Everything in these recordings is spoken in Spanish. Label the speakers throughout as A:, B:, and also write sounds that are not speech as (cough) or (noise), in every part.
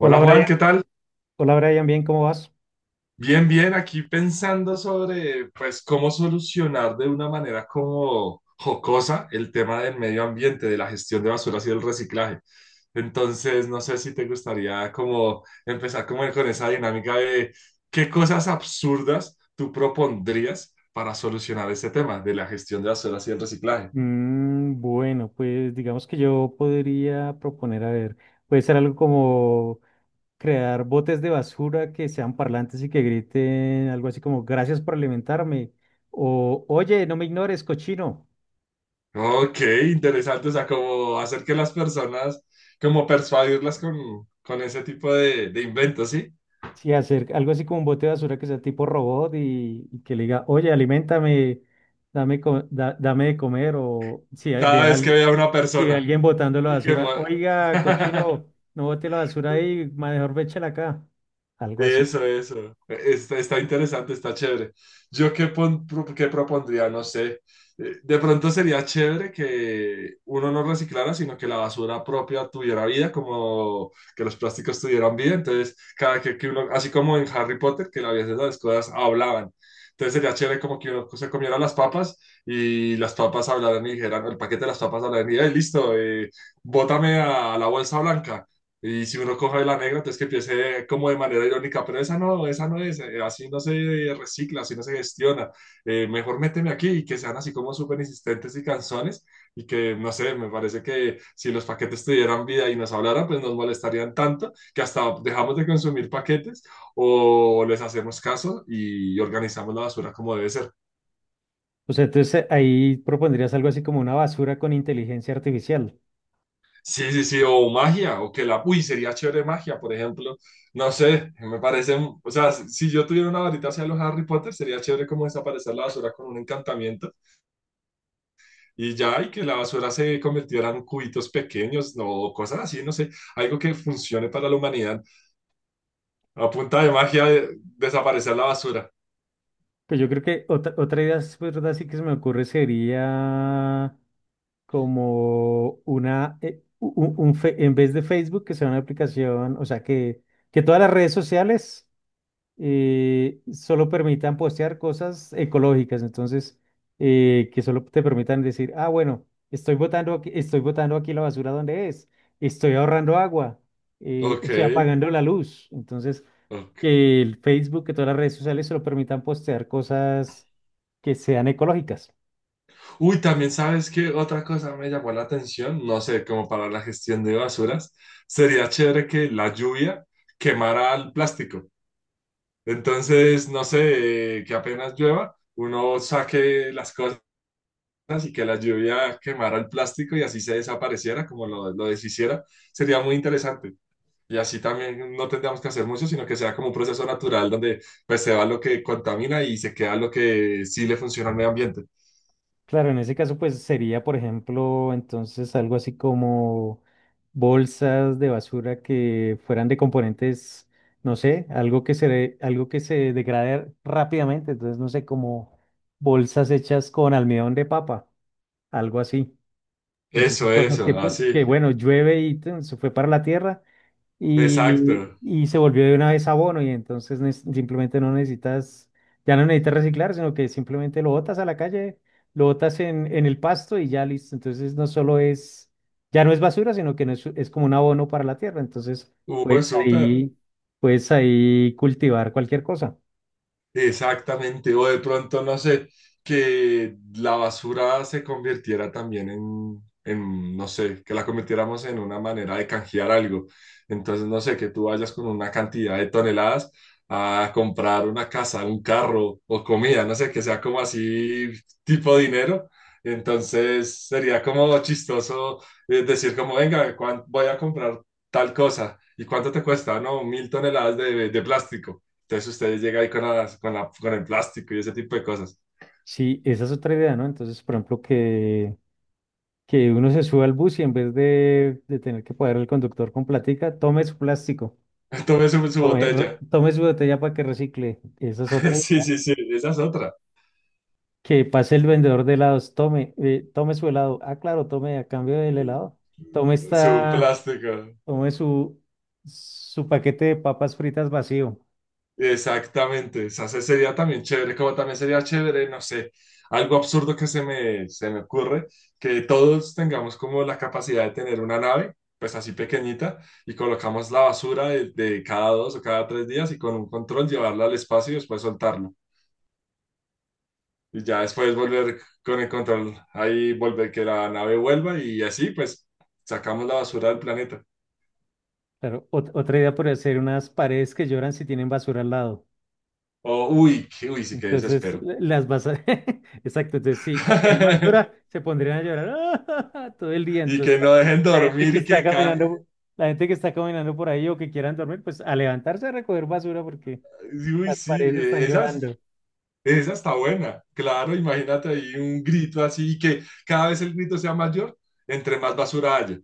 A: Hola
B: Juan,
A: Brian,
B: ¿qué tal?
A: hola Brian, bien, ¿cómo vas?
B: Bien, bien, aquí pensando sobre pues cómo solucionar de una manera como jocosa el tema del medio ambiente, de la gestión de basuras y del reciclaje. Entonces, no sé si te gustaría como empezar como con esa dinámica de qué cosas absurdas tú propondrías para solucionar ese tema de la gestión de basuras y el reciclaje.
A: Bueno, pues digamos que yo podría proponer, a ver, puede ser algo como crear botes de basura que sean parlantes y que griten algo así como gracias por alimentarme o oye, no me ignores, cochino.
B: Ok, interesante, o sea, como hacer que las personas, como persuadirlas con ese tipo de inventos, ¿sí?
A: Sí, hacer algo así como un bote de basura que sea tipo robot y que le diga, oye, aliméntame, dame de comer, o si hay- ve
B: Cada
A: a
B: vez que
A: alguien,
B: veía a una
A: si ve a
B: persona.
A: alguien botando la
B: Y que,
A: basura,
B: madre.
A: oiga,
B: (laughs)
A: cochino, no bote la basura ahí, mejor véchela acá, algo así.
B: Eso, eso. Está, está interesante, está chévere. Yo qué, qué propondría, no sé. De pronto sería chévere que uno no reciclara, sino que la basura propia tuviera vida, como que los plásticos tuvieran vida. Entonces, cada que uno, así como en Harry Potter, que a veces las cosas hablaban. Entonces sería chévere como que uno se comiera las papas y las papas hablaran y dijeran, el paquete de las papas hablaran y, listo, bótame a la bolsa blanca. Y si uno coge la negra, entonces que empiece como de manera irónica, pero esa no es, así no se recicla, así no se gestiona, mejor méteme aquí y que sean así como súper insistentes y canzones y que, no sé, me parece que si los paquetes tuvieran vida y nos hablaran, pues nos molestarían tanto que hasta dejamos de consumir paquetes o les hacemos caso y organizamos la basura como debe ser.
A: O sea, entonces ahí propondrías algo así como una basura con inteligencia artificial.
B: Sí, sí, sí, o magia, o que la... Uy, sería chévere magia, por ejemplo. No sé, me parecen... O sea, si yo tuviera una varita hacia los Harry Potter, sería chévere como desaparecer la basura con un encantamiento y ya, y que la basura se convirtiera en cubitos pequeños, no, o cosas así, no sé, algo que funcione para la humanidad. A punta de magia, desaparecer la basura.
A: Pues yo creo que otra idea, es verdad, sí que se me ocurre sería como una, u- u- un, fe- en vez de Facebook, que sea una aplicación, o sea, que todas las redes sociales solo permitan postear cosas ecológicas, entonces, que solo te permitan decir, ah, bueno, estoy botando aquí la basura donde es, estoy ahorrando agua,
B: Ok,
A: estoy apagando la luz, entonces,
B: ok.
A: que el Facebook, que todas las redes sociales solo permitan postear cosas que sean ecológicas.
B: Uy, también sabes que otra cosa me llamó la atención, no sé, como para la gestión de basuras, sería chévere que la lluvia quemara el plástico. Entonces, no sé, que apenas llueva, uno saque las cosas y que la lluvia quemara el plástico y así se desapareciera, como lo deshiciera, sería muy interesante. Y así también no tendríamos que hacer mucho, sino que sea como un proceso natural donde pues se va lo que contamina y se queda lo que sí le funciona al medio ambiente.
A: Claro, en ese caso, pues sería, por ejemplo, entonces algo así como bolsas de basura que fueran de componentes, no sé, algo que se degrade rápidamente, entonces, no sé, como bolsas hechas con almidón de papa, algo así. Entonces, son
B: Eso,
A: cosas que,
B: eso,
A: pues, que
B: así.
A: bueno, llueve y tun, se fue para la tierra, y,
B: Exacto.
A: y se volvió de una vez abono y entonces simplemente no necesitas, ya no necesitas reciclar, sino que simplemente lo botas a la calle, lo botas en el pasto y ya listo. Entonces no solo es, ya no es basura, sino que no es, es como un abono para la tierra. Entonces
B: Uy,
A: puedes
B: súper.
A: ahí, puedes ahí cultivar cualquier cosa.
B: Exactamente, o de pronto, no sé, que la basura se convirtiera también no sé, que la convirtiéramos en una manera de canjear algo. Entonces, no sé, que tú vayas con una cantidad de toneladas a comprar una casa, un carro o comida, no sé, que sea como así tipo dinero. Entonces, sería como chistoso decir como, venga, ¿cuán- voy a comprar tal cosa. ¿Y cuánto te cuesta? No, 1.000 toneladas de plástico. Entonces ustedes llegan ahí con, las- con, la, con el plástico y ese tipo de cosas.
A: Sí, esa es otra idea, ¿no? Entonces, por ejemplo, que uno se suba al bus y en vez de tener que pagar al conductor con platica, tome su plástico.
B: (laughs) Tome su, su
A: Tome,
B: botella.
A: tome su botella para que recicle. Esa es
B: (laughs)
A: otra
B: Sí,
A: idea.
B: sí, sí, esa es otra.
A: Que pase el vendedor de helados. Tome, tome su helado. Ah, claro, tome a cambio del helado. Tome
B: Su
A: esta,
B: plástico.
A: tome su, Su paquete de papas fritas vacío.
B: Exactamente. O sea, ese sería también chévere, como también sería chévere, no sé, algo absurdo que se me ocurre, que todos tengamos como la capacidad de tener una nave, pues así pequeñita, y colocamos la basura de cada 2 o cada 3 días y con un control llevarla al espacio y después soltarla. Y ya después volver con el control, ahí volver que la nave vuelva y así pues sacamos la basura del planeta.
A: Claro, otra idea podría ser unas paredes que lloran si tienen basura al lado.
B: Oh uy, que, uy, sí que
A: Entonces
B: desespero.
A: las vas a... (laughs) Exacto, entonces si hay más dura,
B: (laughs)
A: se pondrían a llorar (laughs) todo el día.
B: Y que no dejen
A: La gente
B: dormir
A: que
B: y
A: está
B: que...
A: caminando, la gente que está caminando por ahí o que quieran dormir, pues a levantarse a recoger basura porque
B: Uy,
A: las
B: sí,
A: paredes están llorando.
B: esa está buena. Claro, imagínate ahí un grito así y que cada vez el grito sea mayor, entre más basura haya.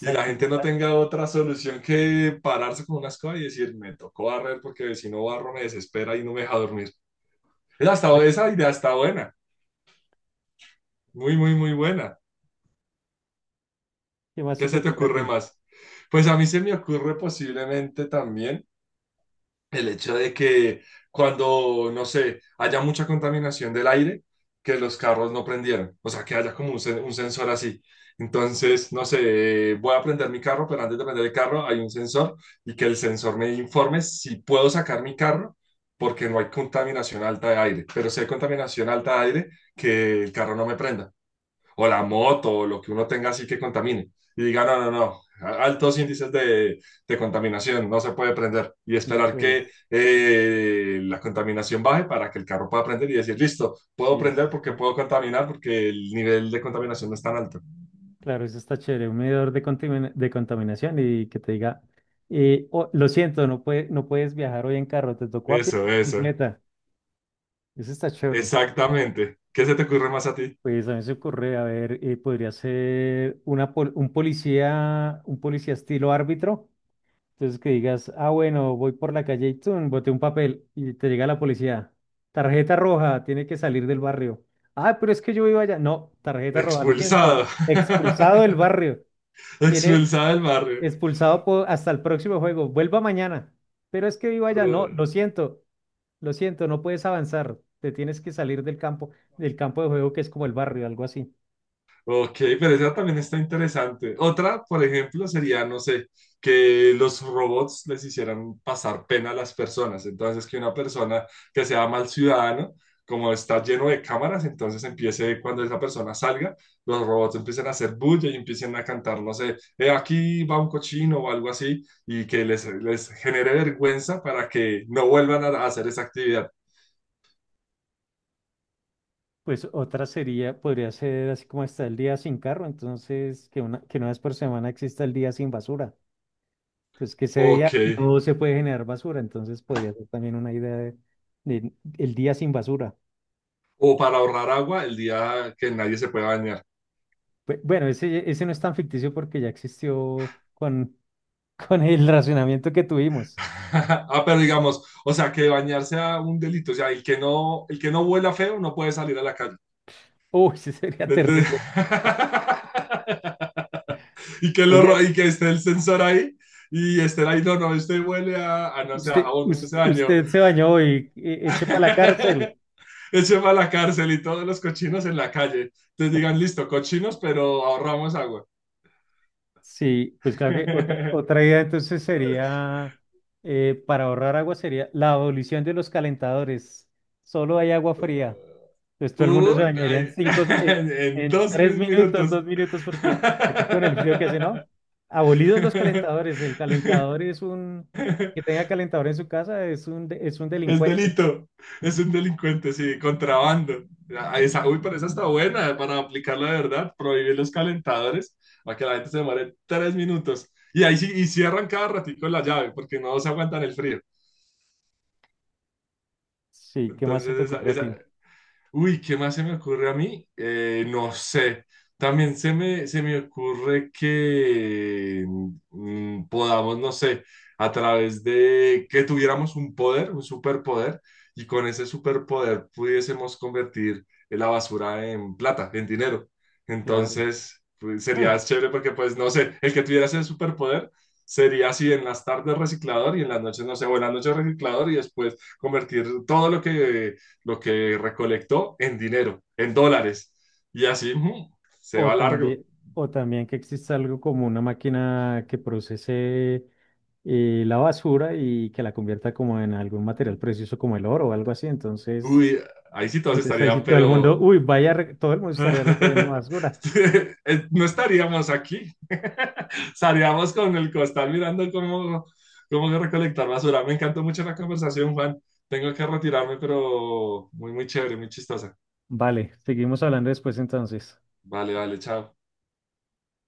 B: Y la gente no tenga otra solución que pararse con una escoba y decir, me tocó barrer porque si no barro me desespera y no me deja dormir. Esa,
A: la-
B: esa idea está buena. Muy, muy, muy buena.
A: ¿qué más se
B: ¿Qué
A: te
B: se te
A: ocurre a
B: ocurre
A: ti?
B: más? Pues a mí se me ocurre posiblemente también el hecho de que cuando, no sé, haya mucha contaminación del aire, que los carros no prendieran. O sea, que haya como un sensor así. Entonces, no sé, voy a prender mi carro, pero antes de prender el carro hay un sensor y que el sensor me informe si puedo sacar mi carro porque no hay contaminación alta de aire. Pero si hay contaminación alta de aire, que el carro no me prenda. O la moto, o lo que uno tenga así que contamine. Y diga, no, no, no, altos índices de contaminación, no se puede prender. Y
A: No,
B: esperar que
A: pues
B: la contaminación baje para que el carro pueda prender y decir, listo, puedo
A: sí, eso
B: prender porque
A: está...
B: puedo contaminar, porque el nivel de contaminación no es tan alto.
A: Claro, eso está chévere, un de contaminación y que te diga, "Oh, lo siento, no puedes viajar hoy en carro, te tocó a pie o
B: Eso,
A: en
B: eso,
A: bicicleta. Eso está chévere.
B: exactamente. ¿Qué se te ocurre más a ti?
A: Pues a mí se ocurre, a ver, podría ser un policía estilo árbitro. Entonces que digas, ah, bueno, voy por la calle y tun, boté un papel y te llega la policía. Tarjeta roja, tiene que salir del barrio. Ah, pero es que yo vivo allá. No, tarjeta roja, lo siento.
B: Expulsado.
A: Expulsado del
B: (laughs)
A: barrio. Tiene
B: Expulsado del
A: Hasta el próximo juego. Vuelva mañana. Pero es que vivo allá. No, lo
B: barrio.
A: siento, Lo siento, no puedes avanzar. Te tienes que salir del campo de juego que es como el barrio, algo así.
B: Ok, pero esa también está interesante. Otra, por ejemplo, sería, no sé, que los robots les hicieran pasar pena a las personas. Entonces, que una persona que sea mal ciudadano, como está lleno de cámaras, entonces empiece cuando esa persona salga, los robots empiecen a hacer bulla y empiecen a cantar, no sé, aquí va un cochino o algo así, y que les genere vergüenza para que no vuelvan a hacer esa actividad.
A: Pues otra sería, podría ser así como está el día sin carro, entonces que una vez por semana exista el día sin basura. Entonces que ese
B: Ok.
A: día no se puede generar basura, entonces podría ser también una idea de el día sin basura.
B: O para ahorrar agua el día que nadie se pueda bañar.
A: Bueno, ese no es tan ficticio porque ya existió (laughs) con el racionamiento que tuvimos.
B: (laughs) Ah, pero digamos, o sea, que bañarse sea un delito, o sea, el que no huela feo no puede salir a la calle.
A: Uy, ese sería
B: Entonces...
A: terrible.
B: (laughs) Y que
A: Oye,
B: y que esté el sensor ahí y esté ahí, no, no, este huele a
A: (laughs)
B: no sé, a jabón, usted se bañó.
A: usted se bañó y eche para la cárcel.
B: (laughs) Eche para la cárcel y todos los cochinos en la calle. Entonces digan, listo, cochinos, pero ahorramos agua.
A: Sí, pues claro que otra
B: (laughs)
A: idea entonces sería, para ahorrar agua sería la abolición de los calentadores. Solo hay agua fría. Entonces todo el mundo se bañaría
B: Ay, (laughs) en
A: en
B: dos
A: tres
B: mis
A: minutos,
B: minutos.
A: 2 minutos, porque aquí con el frío que hace, ¿no? Abolidos los calentadores.
B: (laughs)
A: El calentador es un, Que tenga calentador en su casa es un
B: Es
A: delincuente.
B: delito, es un delincuente, sí, contrabando. Ah, esa, uy, pero esa está buena para aplicarla de verdad, prohibir los calentadores para que la gente se demore 3 minutos. Y ahí sí, y cierran cada ratico la llave porque no se aguantan el frío.
A: Sí, ¿qué más se
B: Entonces,
A: te
B: esa,
A: ocurre a
B: esa,
A: ti?
B: uy, ¿qué más se me ocurre a mí? No sé. También se me ocurre que podamos, no sé, a través de que tuviéramos un poder, un superpoder, y con ese superpoder pudiésemos convertir la basura en plata, en dinero.
A: Claro.
B: Entonces, pues, sería
A: (laughs)
B: chévere porque, pues, no sé, el que tuviera ese superpoder sería así en las tardes reciclador y en las noches, no sé, buenas noches reciclador y después convertir todo lo que recolectó en dinero, en dólares. Y así se
A: O
B: va largo.
A: también, o también que exista algo como una máquina que procese la basura y que la convierta como en algún material precioso como el oro o algo así.
B: Uy, ahí sí todos
A: Entonces ahí sí
B: estarían,
A: todo el mundo,
B: pero
A: uy, todo el mundo estaría recogiendo
B: (laughs)
A: basura.
B: no estaríamos aquí. (laughs) Estaríamos con el costal mirando cómo, cómo recolectar basura. Me encantó mucho la conversación, Juan. Tengo que retirarme, pero muy, muy chévere, muy chistosa.
A: Vale, seguimos hablando después entonces.
B: Vale, vale, chao.